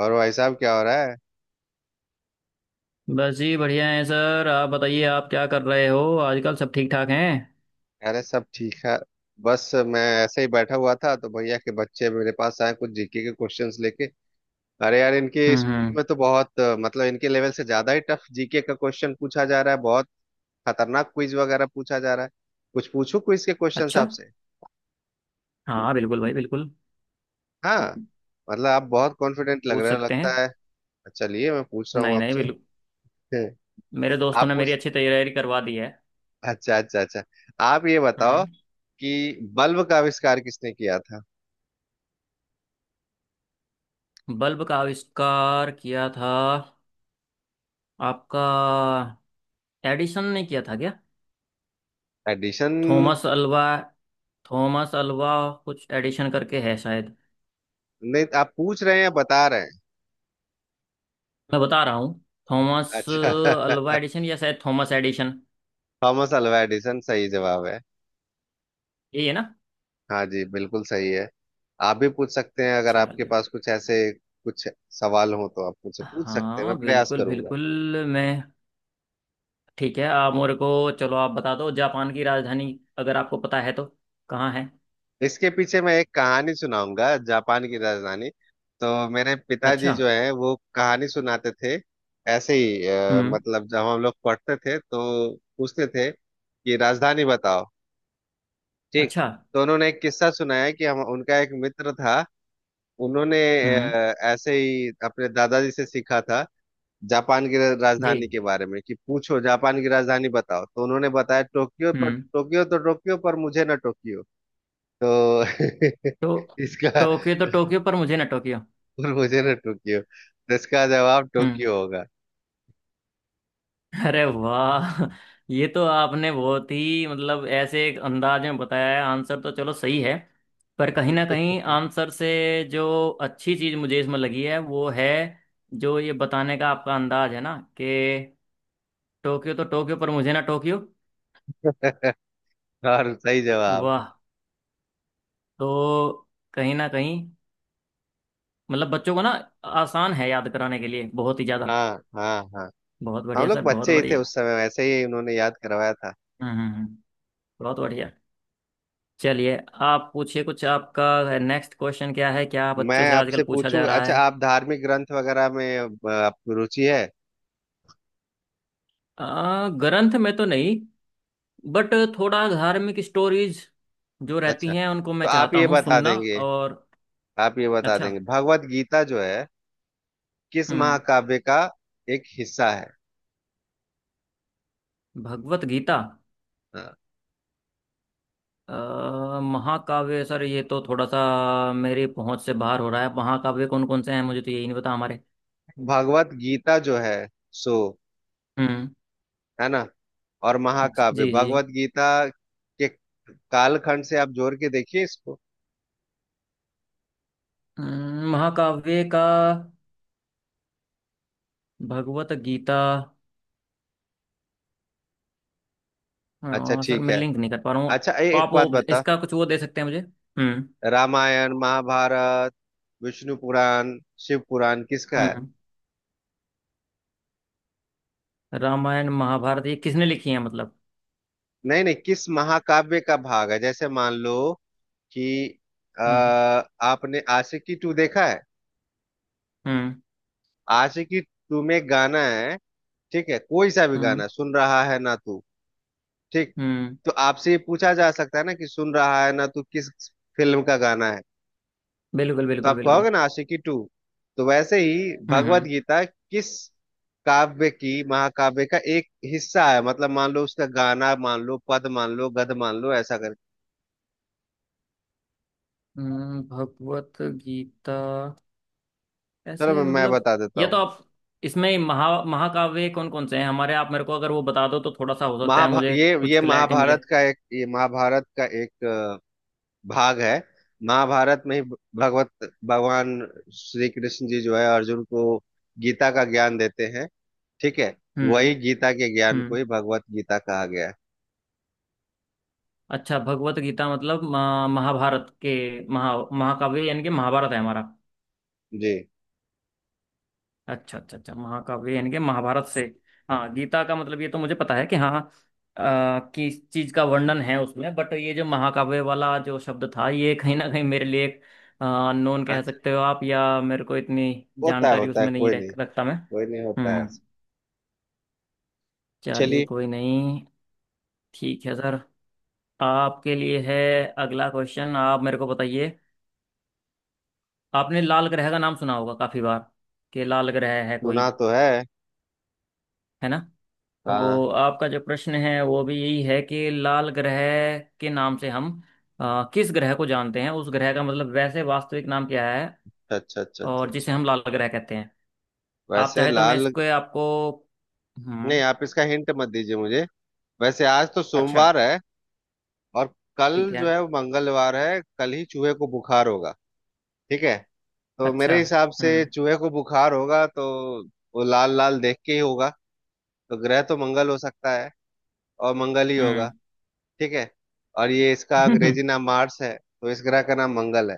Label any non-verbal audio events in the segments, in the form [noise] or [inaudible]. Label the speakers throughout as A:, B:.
A: और भाई साहब क्या हो रहा है?
B: बस जी बढ़िया है सर। आप बताइए आप क्या कर रहे हो आजकल? सब ठीक ठाक हैं।
A: अरे सब ठीक है। बस मैं ऐसे ही बैठा हुआ था तो भैया के बच्चे मेरे पास आए कुछ जीके के क्वेश्चंस लेके। अरे यार इनके स्कूल
B: हम्म।
A: में तो बहुत मतलब इनके लेवल से ज्यादा ही टफ जीके का क्वेश्चन पूछा जा रहा है। बहुत खतरनाक क्विज वगैरह पूछा जा रहा है। कुछ पूछूं क्विज के क्वेश्चंस
B: अच्छा।
A: आपसे?
B: हाँ बिल्कुल भाई बिल्कुल।
A: हाँ। मतलब आप बहुत कॉन्फिडेंट लग
B: पूछ
A: रहे हो
B: सकते
A: लगता
B: हैं।
A: है। अच्छा, चलिए मैं पूछ रहा हूँ
B: नहीं नहीं
A: आपसे।
B: बिल्कुल।
A: [laughs]
B: मेरे दोस्तों
A: आप
B: ने मेरी
A: पूछ।
B: अच्छी तैयारी करवा दी है।
A: अच्छा अच्छा अच्छा। आप ये बताओ
B: हम्म।
A: कि बल्ब का आविष्कार किसने किया था?
B: बल्ब का आविष्कार किया था आपका? एडिसन ने किया था क्या?
A: Edison.
B: Thomas Alva. Thomas Alva. कुछ एडिशन करके है शायद।
A: नहीं, आप पूछ रहे हैं या बता रहे हैं?
B: मैं बता रहा हूँ। थॉमस
A: अच्छा।
B: अल्वा
A: [laughs]
B: एडिशन या शायद Thomas Edison.
A: Thomas Alva Edison सही जवाब है।
B: यही है ना।
A: हाँ जी, बिल्कुल सही है। आप भी पूछ सकते हैं, अगर आपके
B: चलिए।
A: पास कुछ ऐसे कुछ सवाल हो तो आप मुझसे पूछ सकते हैं, मैं
B: हाँ
A: प्रयास
B: बिल्कुल
A: करूंगा।
B: बिल्कुल। मैं ठीक है आप मेरे को चलो आप बता दो जापान की राजधानी अगर आपको पता है तो कहाँ है।
A: इसके पीछे मैं एक कहानी सुनाऊंगा। जापान की राजधानी, तो मेरे पिताजी
B: अच्छा।
A: जो है वो कहानी सुनाते थे ऐसे ही।
B: हम्म।
A: मतलब जब हम लोग पढ़ते थे तो पूछते थे कि राजधानी बताओ। ठीक।
B: अच्छा।
A: तो उन्होंने एक किस्सा सुनाया कि हम, उनका एक मित्र था, उन्होंने
B: हम्म।
A: ऐसे ही अपने दादाजी से सीखा था। जापान की
B: जी।
A: राजधानी के बारे में कि पूछो जापान की राजधानी बताओ, तो उन्होंने बताया टोक्यो पर
B: हम्म।
A: टोक्यो तो टोक्यो पर मुझे ना टोक्यो तो
B: तो
A: [laughs] इसका
B: तो टोक्यो पर मुझे ना टोक्यो।
A: पर मुझे ना टोक्यो तो इसका जवाब
B: हम्म।
A: टोक्यो होगा।
B: अरे वाह! ये तो आपने बहुत ही मतलब ऐसे एक अंदाज में बताया है। आंसर तो चलो सही है, पर कहीं ना कहीं
A: [laughs]
B: आंसर से जो अच्छी चीज मुझे इसमें लगी है वो है जो ये बताने का आपका अंदाज है ना कि टोक्यो तो टोक्यो पर मुझे ना टोक्यो।
A: और सही जवाब।
B: वाह! तो कहीं ना कहीं मतलब बच्चों को ना आसान है याद कराने के लिए, बहुत ही ज्यादा।
A: हाँ हाँ हाँ।
B: बहुत
A: हम
B: बढ़िया
A: लोग
B: सर, बहुत
A: बच्चे ही थे
B: बढ़िया।
A: उस समय, वैसे ही उन्होंने याद करवाया था।
B: हम्म हम्म, हम्म, बहुत बढ़िया। चलिए आप पूछिए। कुछ आपका नेक्स्ट क्वेश्चन क्या है, क्या
A: मैं
B: बच्चों से आजकल
A: आपसे
B: पूछा जा
A: पूछूंगा।
B: रहा
A: अच्छा,
B: है?
A: आप धार्मिक ग्रंथ वगैरह में आपको रुचि है?
B: ग्रंथ में तो नहीं, बट थोड़ा धार्मिक स्टोरीज जो
A: अच्छा,
B: रहती हैं उनको
A: तो
B: मैं
A: आप
B: चाहता
A: ये
B: हूँ
A: बता
B: सुनना।
A: देंगे।
B: और
A: आप ये बता
B: अच्छा।
A: देंगे भगवत गीता जो है किस
B: हम्म।
A: महाकाव्य का एक हिस्सा है?
B: भगवत गीता।
A: हाँ।
B: महाकाव्य सर ये तो थोड़ा सा मेरी पहुंच से बाहर हो रहा है। महाकाव्य कौन कौन से हैं मुझे तो यही नहीं पता हमारे।
A: भगवत गीता जो है सो
B: हम्म।
A: है ना। और
B: जी
A: महाकाव्य
B: जी जी।
A: भगवत गीता के कालखंड से आप जोड़ के देखिए इसको।
B: महाकाव्य का भगवत गीता।
A: अच्छा,
B: हाँ सर
A: ठीक
B: मैं
A: है।
B: लिंक नहीं कर पा रहा हूँ।
A: अच्छा,
B: तो
A: एक
B: आप
A: बात
B: वो
A: बता।
B: इसका कुछ वो दे सकते हैं मुझे? हम्म।
A: रामायण, महाभारत, विष्णु पुराण, शिव पुराण किसका है?
B: हम्म। रामायण महाभारत ये किसने लिखी है मतलब?
A: नहीं नहीं, किस महाकाव्य का भाग है? जैसे मान लो कि अ,
B: हम्म।
A: आपने आशिकी टू देखा है?
B: हम्म।
A: आशिकी टू में गाना है, ठीक है, कोई सा भी
B: हम्म।
A: गाना, सुन रहा है ना तू। ठीक।
B: हम्म।
A: तो आपसे ये पूछा जा सकता है ना कि सुन रहा है ना तू किस फिल्म का गाना है?
B: बिल्कुल
A: तो
B: बिल्कुल
A: आप
B: बिल्कुल।
A: कहोगे ना आशिकी टू। तो वैसे ही
B: हम्म।
A: भगवत
B: हम्म।
A: गीता किस काव्य की, महाकाव्य का एक हिस्सा है। मतलब मान लो उसका गाना, मान लो पद, मान लो गद, मान लो ऐसा करके।
B: भगवत गीता
A: चलो,
B: ऐसे
A: मैं
B: मतलब?
A: बता देता
B: ये तो
A: हूँ।
B: आप इसमें महा महाकाव्य कौन कौन से हैं हमारे, आप मेरे को अगर वो बता दो तो थोड़ा सा हो सकता है
A: महाभा
B: मुझे कुछ
A: ये
B: क्लैरिटी मिले।
A: महाभारत का एक ये महाभारत का एक भाग है। महाभारत में ही भगवत भगवान श्री कृष्ण जी जो है अर्जुन को गीता का ज्ञान देते हैं, ठीक है। वही
B: हम्म।
A: गीता के ज्ञान को
B: हम्म।
A: ही भगवत गीता कहा गया है।
B: अच्छा भगवत गीता मतलब महाभारत के महा महाकाव्य यानी कि महाभारत है हमारा।
A: जी।
B: अच्छा अच्छा अच्छा, महाकाव्य यानी कि महाभारत से। हाँ गीता का मतलब ये तो मुझे पता है कि हाँ किस चीज का वर्णन है उसमें, बट ये जो महाकाव्य वाला जो शब्द था ये कहीं ना कहीं मेरे लिए एक अननोन कह
A: अच्छा।
B: सकते हो आप, या मेरे को इतनी
A: होता है
B: जानकारी
A: होता है,
B: उसमें नहीं
A: कोई नहीं।
B: रखता मैं।
A: कोई नहीं, होता है।
B: हम्म। चलिए
A: चलिए।
B: कोई नहीं। ठीक है सर। आपके लिए है अगला क्वेश्चन, आप मेरे को बताइए। आपने लाल ग्रह का नाम सुना होगा काफी बार कि लाल ग्रह है कोई।
A: सुना तो है।
B: है ना।
A: हाँ।
B: तो आपका जो प्रश्न है वो भी यही है कि लाल ग्रह के नाम से हम किस ग्रह को जानते हैं, उस ग्रह का मतलब वैसे वास्तविक नाम क्या है
A: अच्छा अच्छा अच्छा
B: और
A: अच्छा।
B: जिसे हम लाल ग्रह कहते हैं। आप
A: वैसे
B: चाहे तो मैं
A: लाल।
B: इसको आपको।
A: नहीं,
B: हम्म।
A: आप इसका हिंट मत दीजिए मुझे। वैसे आज तो
B: अच्छा
A: सोमवार है और कल
B: ठीक है।
A: जो है वो मंगलवार है, कल ही चूहे को बुखार होगा। ठीक है। तो
B: अच्छा।
A: मेरे हिसाब से
B: हम्म।
A: चूहे को बुखार होगा तो वो लाल लाल देख के ही होगा। तो ग्रह तो मंगल हो सकता है, और मंगल ही होगा। ठीक है। और ये इसका
B: हम्म।
A: अंग्रेजी
B: [laughs]
A: नाम मार्स है, तो इस ग्रह का नाम मंगल है।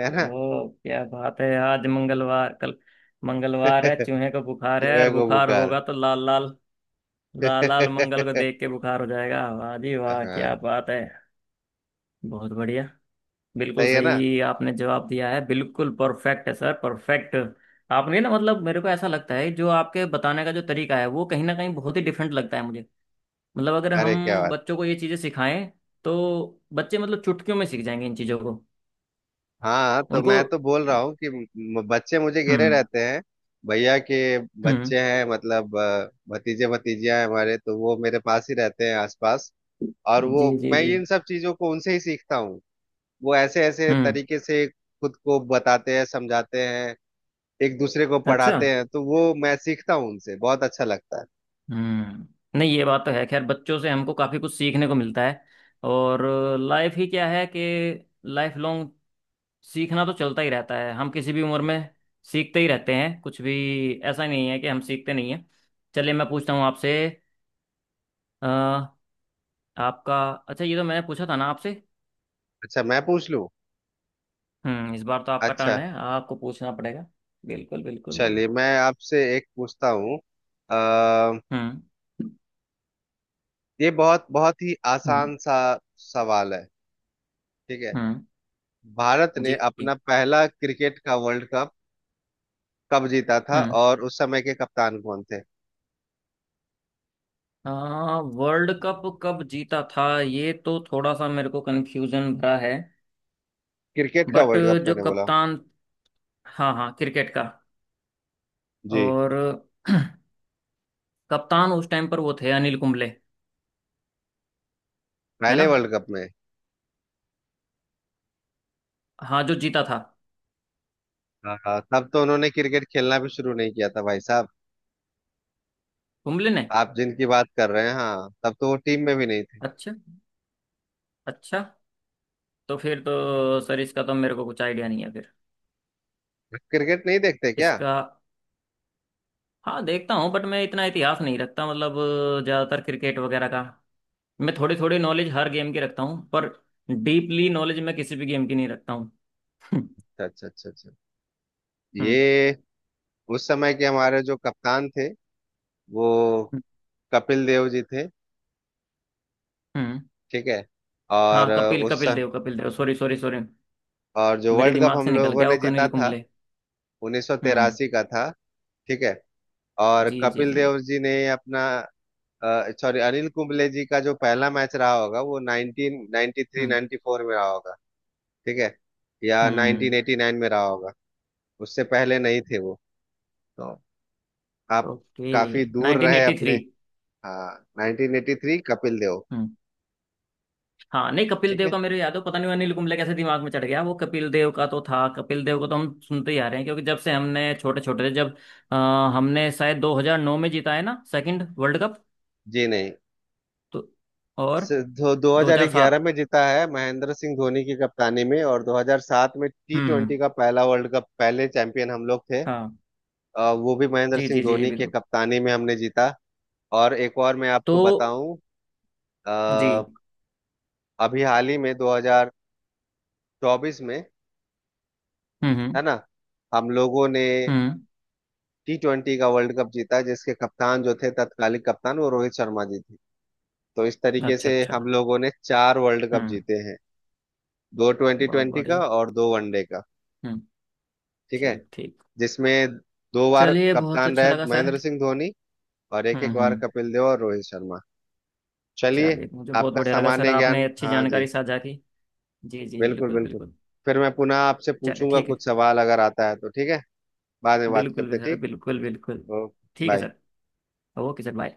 A: है ना।
B: क्या बात है! आज मंगलवार, कल मंगलवार है, चूहे को
A: [laughs] चूहे
B: बुखार है, और
A: को
B: बुखार
A: बुखार।
B: होगा तो लाल लाल। लाल लाल
A: [laughs]
B: मंगल को देख के बुखार हो जाएगा। वाह जी वाह,
A: हाँ।
B: क्या बात है! बहुत बढ़िया। बिल्कुल
A: सही है ना।
B: सही आपने जवाब दिया है, बिल्कुल परफेक्ट है सर, परफेक्ट। आपने ना मतलब, मेरे को ऐसा लगता है जो आपके बताने का जो तरीका है वो कहीं ना कहीं बहुत ही डिफरेंट लगता है मुझे। मतलब अगर
A: अरे क्या
B: हम
A: बात।
B: बच्चों को ये चीज़ें सिखाएं तो बच्चे मतलब चुटकियों में सीख जाएंगे इन चीज़ों को।
A: हाँ, तो
B: उनको।
A: मैं तो बोल रहा हूँ कि बच्चे मुझे घेरे
B: हम्म
A: रहते हैं। भैया के
B: हम्म।
A: बच्चे हैं, मतलब भतीजे भतीजियां हैं हमारे, तो वो मेरे पास ही रहते हैं आसपास। और वो
B: जी जी
A: मैं
B: जी।
A: ये इन सब चीजों को उनसे ही सीखता हूँ। वो ऐसे ऐसे
B: हम्म।
A: तरीके से खुद को बताते हैं, समझाते हैं, एक दूसरे को
B: अच्छा।
A: पढ़ाते हैं, तो वो मैं सीखता हूँ उनसे। बहुत अच्छा लगता है।
B: हम्म। नहीं ये बात तो है, खैर बच्चों से हमको काफ़ी कुछ सीखने को मिलता है। और लाइफ ही क्या है कि लाइफ लॉन्ग सीखना तो चलता ही रहता है, हम किसी भी उम्र में सीखते ही रहते हैं कुछ भी। ऐसा नहीं है कि हम सीखते नहीं हैं। चलिए मैं पूछता हूँ आपसे। अ, आपका अच्छा ये तो मैंने पूछा था ना आपसे।
A: अच्छा, मैं पूछ लूँ।
B: हम्म। इस बार तो आपका
A: अच्छा,
B: टर्न है, आपको पूछना पड़ेगा। बिल्कुल बिल्कुल।
A: चलिए मैं आपसे एक पूछता हूँ। अ,
B: हम्म।
A: ये बहुत बहुत ही
B: हम्म।
A: आसान सा सवाल है, ठीक है।
B: हम्म।
A: भारत ने
B: जी जी,
A: अपना पहला क्रिकेट का वर्ल्ड कप कब जीता था,
B: हम्म।
A: और उस समय के कप्तान कौन थे?
B: हाँ, वर्ल्ड कप कब जीता था ये तो थोड़ा सा मेरे को कंफ्यूजन भरा है,
A: क्रिकेट का
B: बट
A: वर्ल्ड कप
B: जो
A: मैंने बोला।
B: कप्तान। हाँ हाँ क्रिकेट का।
A: जी।
B: और [clears throat] कप्तान उस टाइम पर वो थे अनिल कुंबले। है
A: पहले
B: ना।
A: वर्ल्ड कप में।
B: हाँ जो जीता था
A: हाँ हाँ, तब तो उन्होंने क्रिकेट खेलना भी शुरू नहीं किया था भाई साहब।
B: कुंबले ने।
A: आप जिनकी बात कर रहे हैं, हाँ, तब तो वो टीम में भी नहीं थे।
B: अच्छा। अच्छा। तो फिर तो सर इसका तो मेरे को कुछ आइडिया नहीं है फिर
A: क्रिकेट नहीं देखते क्या?
B: इसका। हाँ देखता हूँ बट मैं इतना इतिहास नहीं रखता मतलब ज़्यादातर क्रिकेट वगैरह का। मैं थोड़ी थोड़ी नॉलेज हर गेम की रखता हूँ, पर डीपली नॉलेज मैं किसी भी गेम की नहीं रखता हूँ। [laughs]
A: अच्छा अच्छा अच्छा अच्छा।
B: हम्म
A: ये, उस समय के हमारे जो कप्तान थे वो कपिल देव जी थे,
B: हम्म।
A: ठीक है। और
B: हाँ
A: अ,
B: कपिल
A: उस
B: कपिल
A: स-
B: Dev, Kapil Dev, sorry sorry sorry.
A: और जो
B: मेरे
A: वर्ल्ड कप
B: दिमाग
A: हम
B: से निकल
A: लोगों
B: गया
A: ने
B: वो
A: जीता
B: अनिल
A: था
B: कुंबले। हम्म।
A: 1983 का था, ठीक है। और
B: जी जी
A: कपिल
B: जी।
A: देव जी ने अपना, सॉरी, अनिल कुंबले जी का जो पहला मैच रहा होगा वो 1993
B: हम्म।
A: 94 में रहा होगा, ठीक है, या
B: हम्म।
A: 1989 में रहा होगा। उससे पहले नहीं थे वो। तो आप
B: ओके।
A: काफी दूर
B: नाइनटीन
A: रहे
B: एटी
A: अपने।
B: थ्री।
A: हाँ, 1983 कपिल देव।
B: हम्म। हाँ, नहीं कपिल
A: ठीक
B: देव
A: है।
B: का मेरे याद हो, पता नहीं वो अनिल कुंबले कैसे दिमाग में चढ़ गया। वो कपिल देव का तो था, कपिल देव को तो हम सुनते ही आ रहे हैं क्योंकि जब से हमने छोटे छोटे थे जब। अ, हमने शायद 2009 में जीता है ना सेकंड वर्ल्ड कप?
A: जी नहीं।
B: तो और
A: दो 2011
B: 2007।
A: में जीता है महेंद्र सिंह धोनी की कप्तानी में, और 2007 में टी
B: हम्म।
A: ट्वेंटी का पहला वर्ल्ड कप, पहले चैंपियन हम लोग थे।
B: हाँ।
A: वो भी महेंद्र
B: जी
A: सिंह
B: जी जी जी
A: धोनी के
B: बिल्कुल।
A: कप्तानी में हमने जीता। और एक और मैं
B: तो।
A: आपको बताऊं।
B: जी।
A: अ, अभी हाल ही में 2024 में,
B: हम्म।
A: है ना, हम लोगों ने
B: हम्म,
A: टी ट्वेंटी का वर्ल्ड कप जीता, जिसके कप्तान जो थे तत्कालीन कप्तान वो रोहित शर्मा जी थे। तो इस तरीके
B: अच्छा
A: से
B: अच्छा।
A: हम लोगों ने चार वर्ल्ड कप
B: हम्म।
A: जीते हैं। दो ट्वेंटी
B: बहुत
A: ट्वेंटी का
B: बढ़िया।
A: और दो वनडे का,
B: हम्म।
A: ठीक है।
B: ठीक ठीक।
A: जिसमें दो बार
B: चलिए बहुत
A: कप्तान
B: अच्छा
A: रहे
B: लगा सर।
A: महेंद्र सिंह धोनी, और एक एक बार
B: हम्म।
A: कपिल देव और रोहित शर्मा। चलिए।
B: चलिए मुझे बहुत
A: आपका
B: बढ़िया लगा सर,
A: सामान्य
B: आपने
A: ज्ञान।
B: अच्छी
A: हाँ जी,
B: जानकारी साझा की। जी जी
A: बिल्कुल
B: बिल्कुल
A: बिल्कुल।
B: बिल्कुल।
A: फिर मैं पुनः आपसे
B: चलिए
A: पूछूंगा,
B: ठीक है।
A: कुछ सवाल अगर आता है तो ठीक है। बाद में बात
B: बिल्कुल
A: करते
B: भी
A: हैं,
B: सर,
A: ठीक।
B: बिल्कुल बिल्कुल।
A: ओके,
B: ठीक है
A: bye.
B: Sir. Okay sir bye.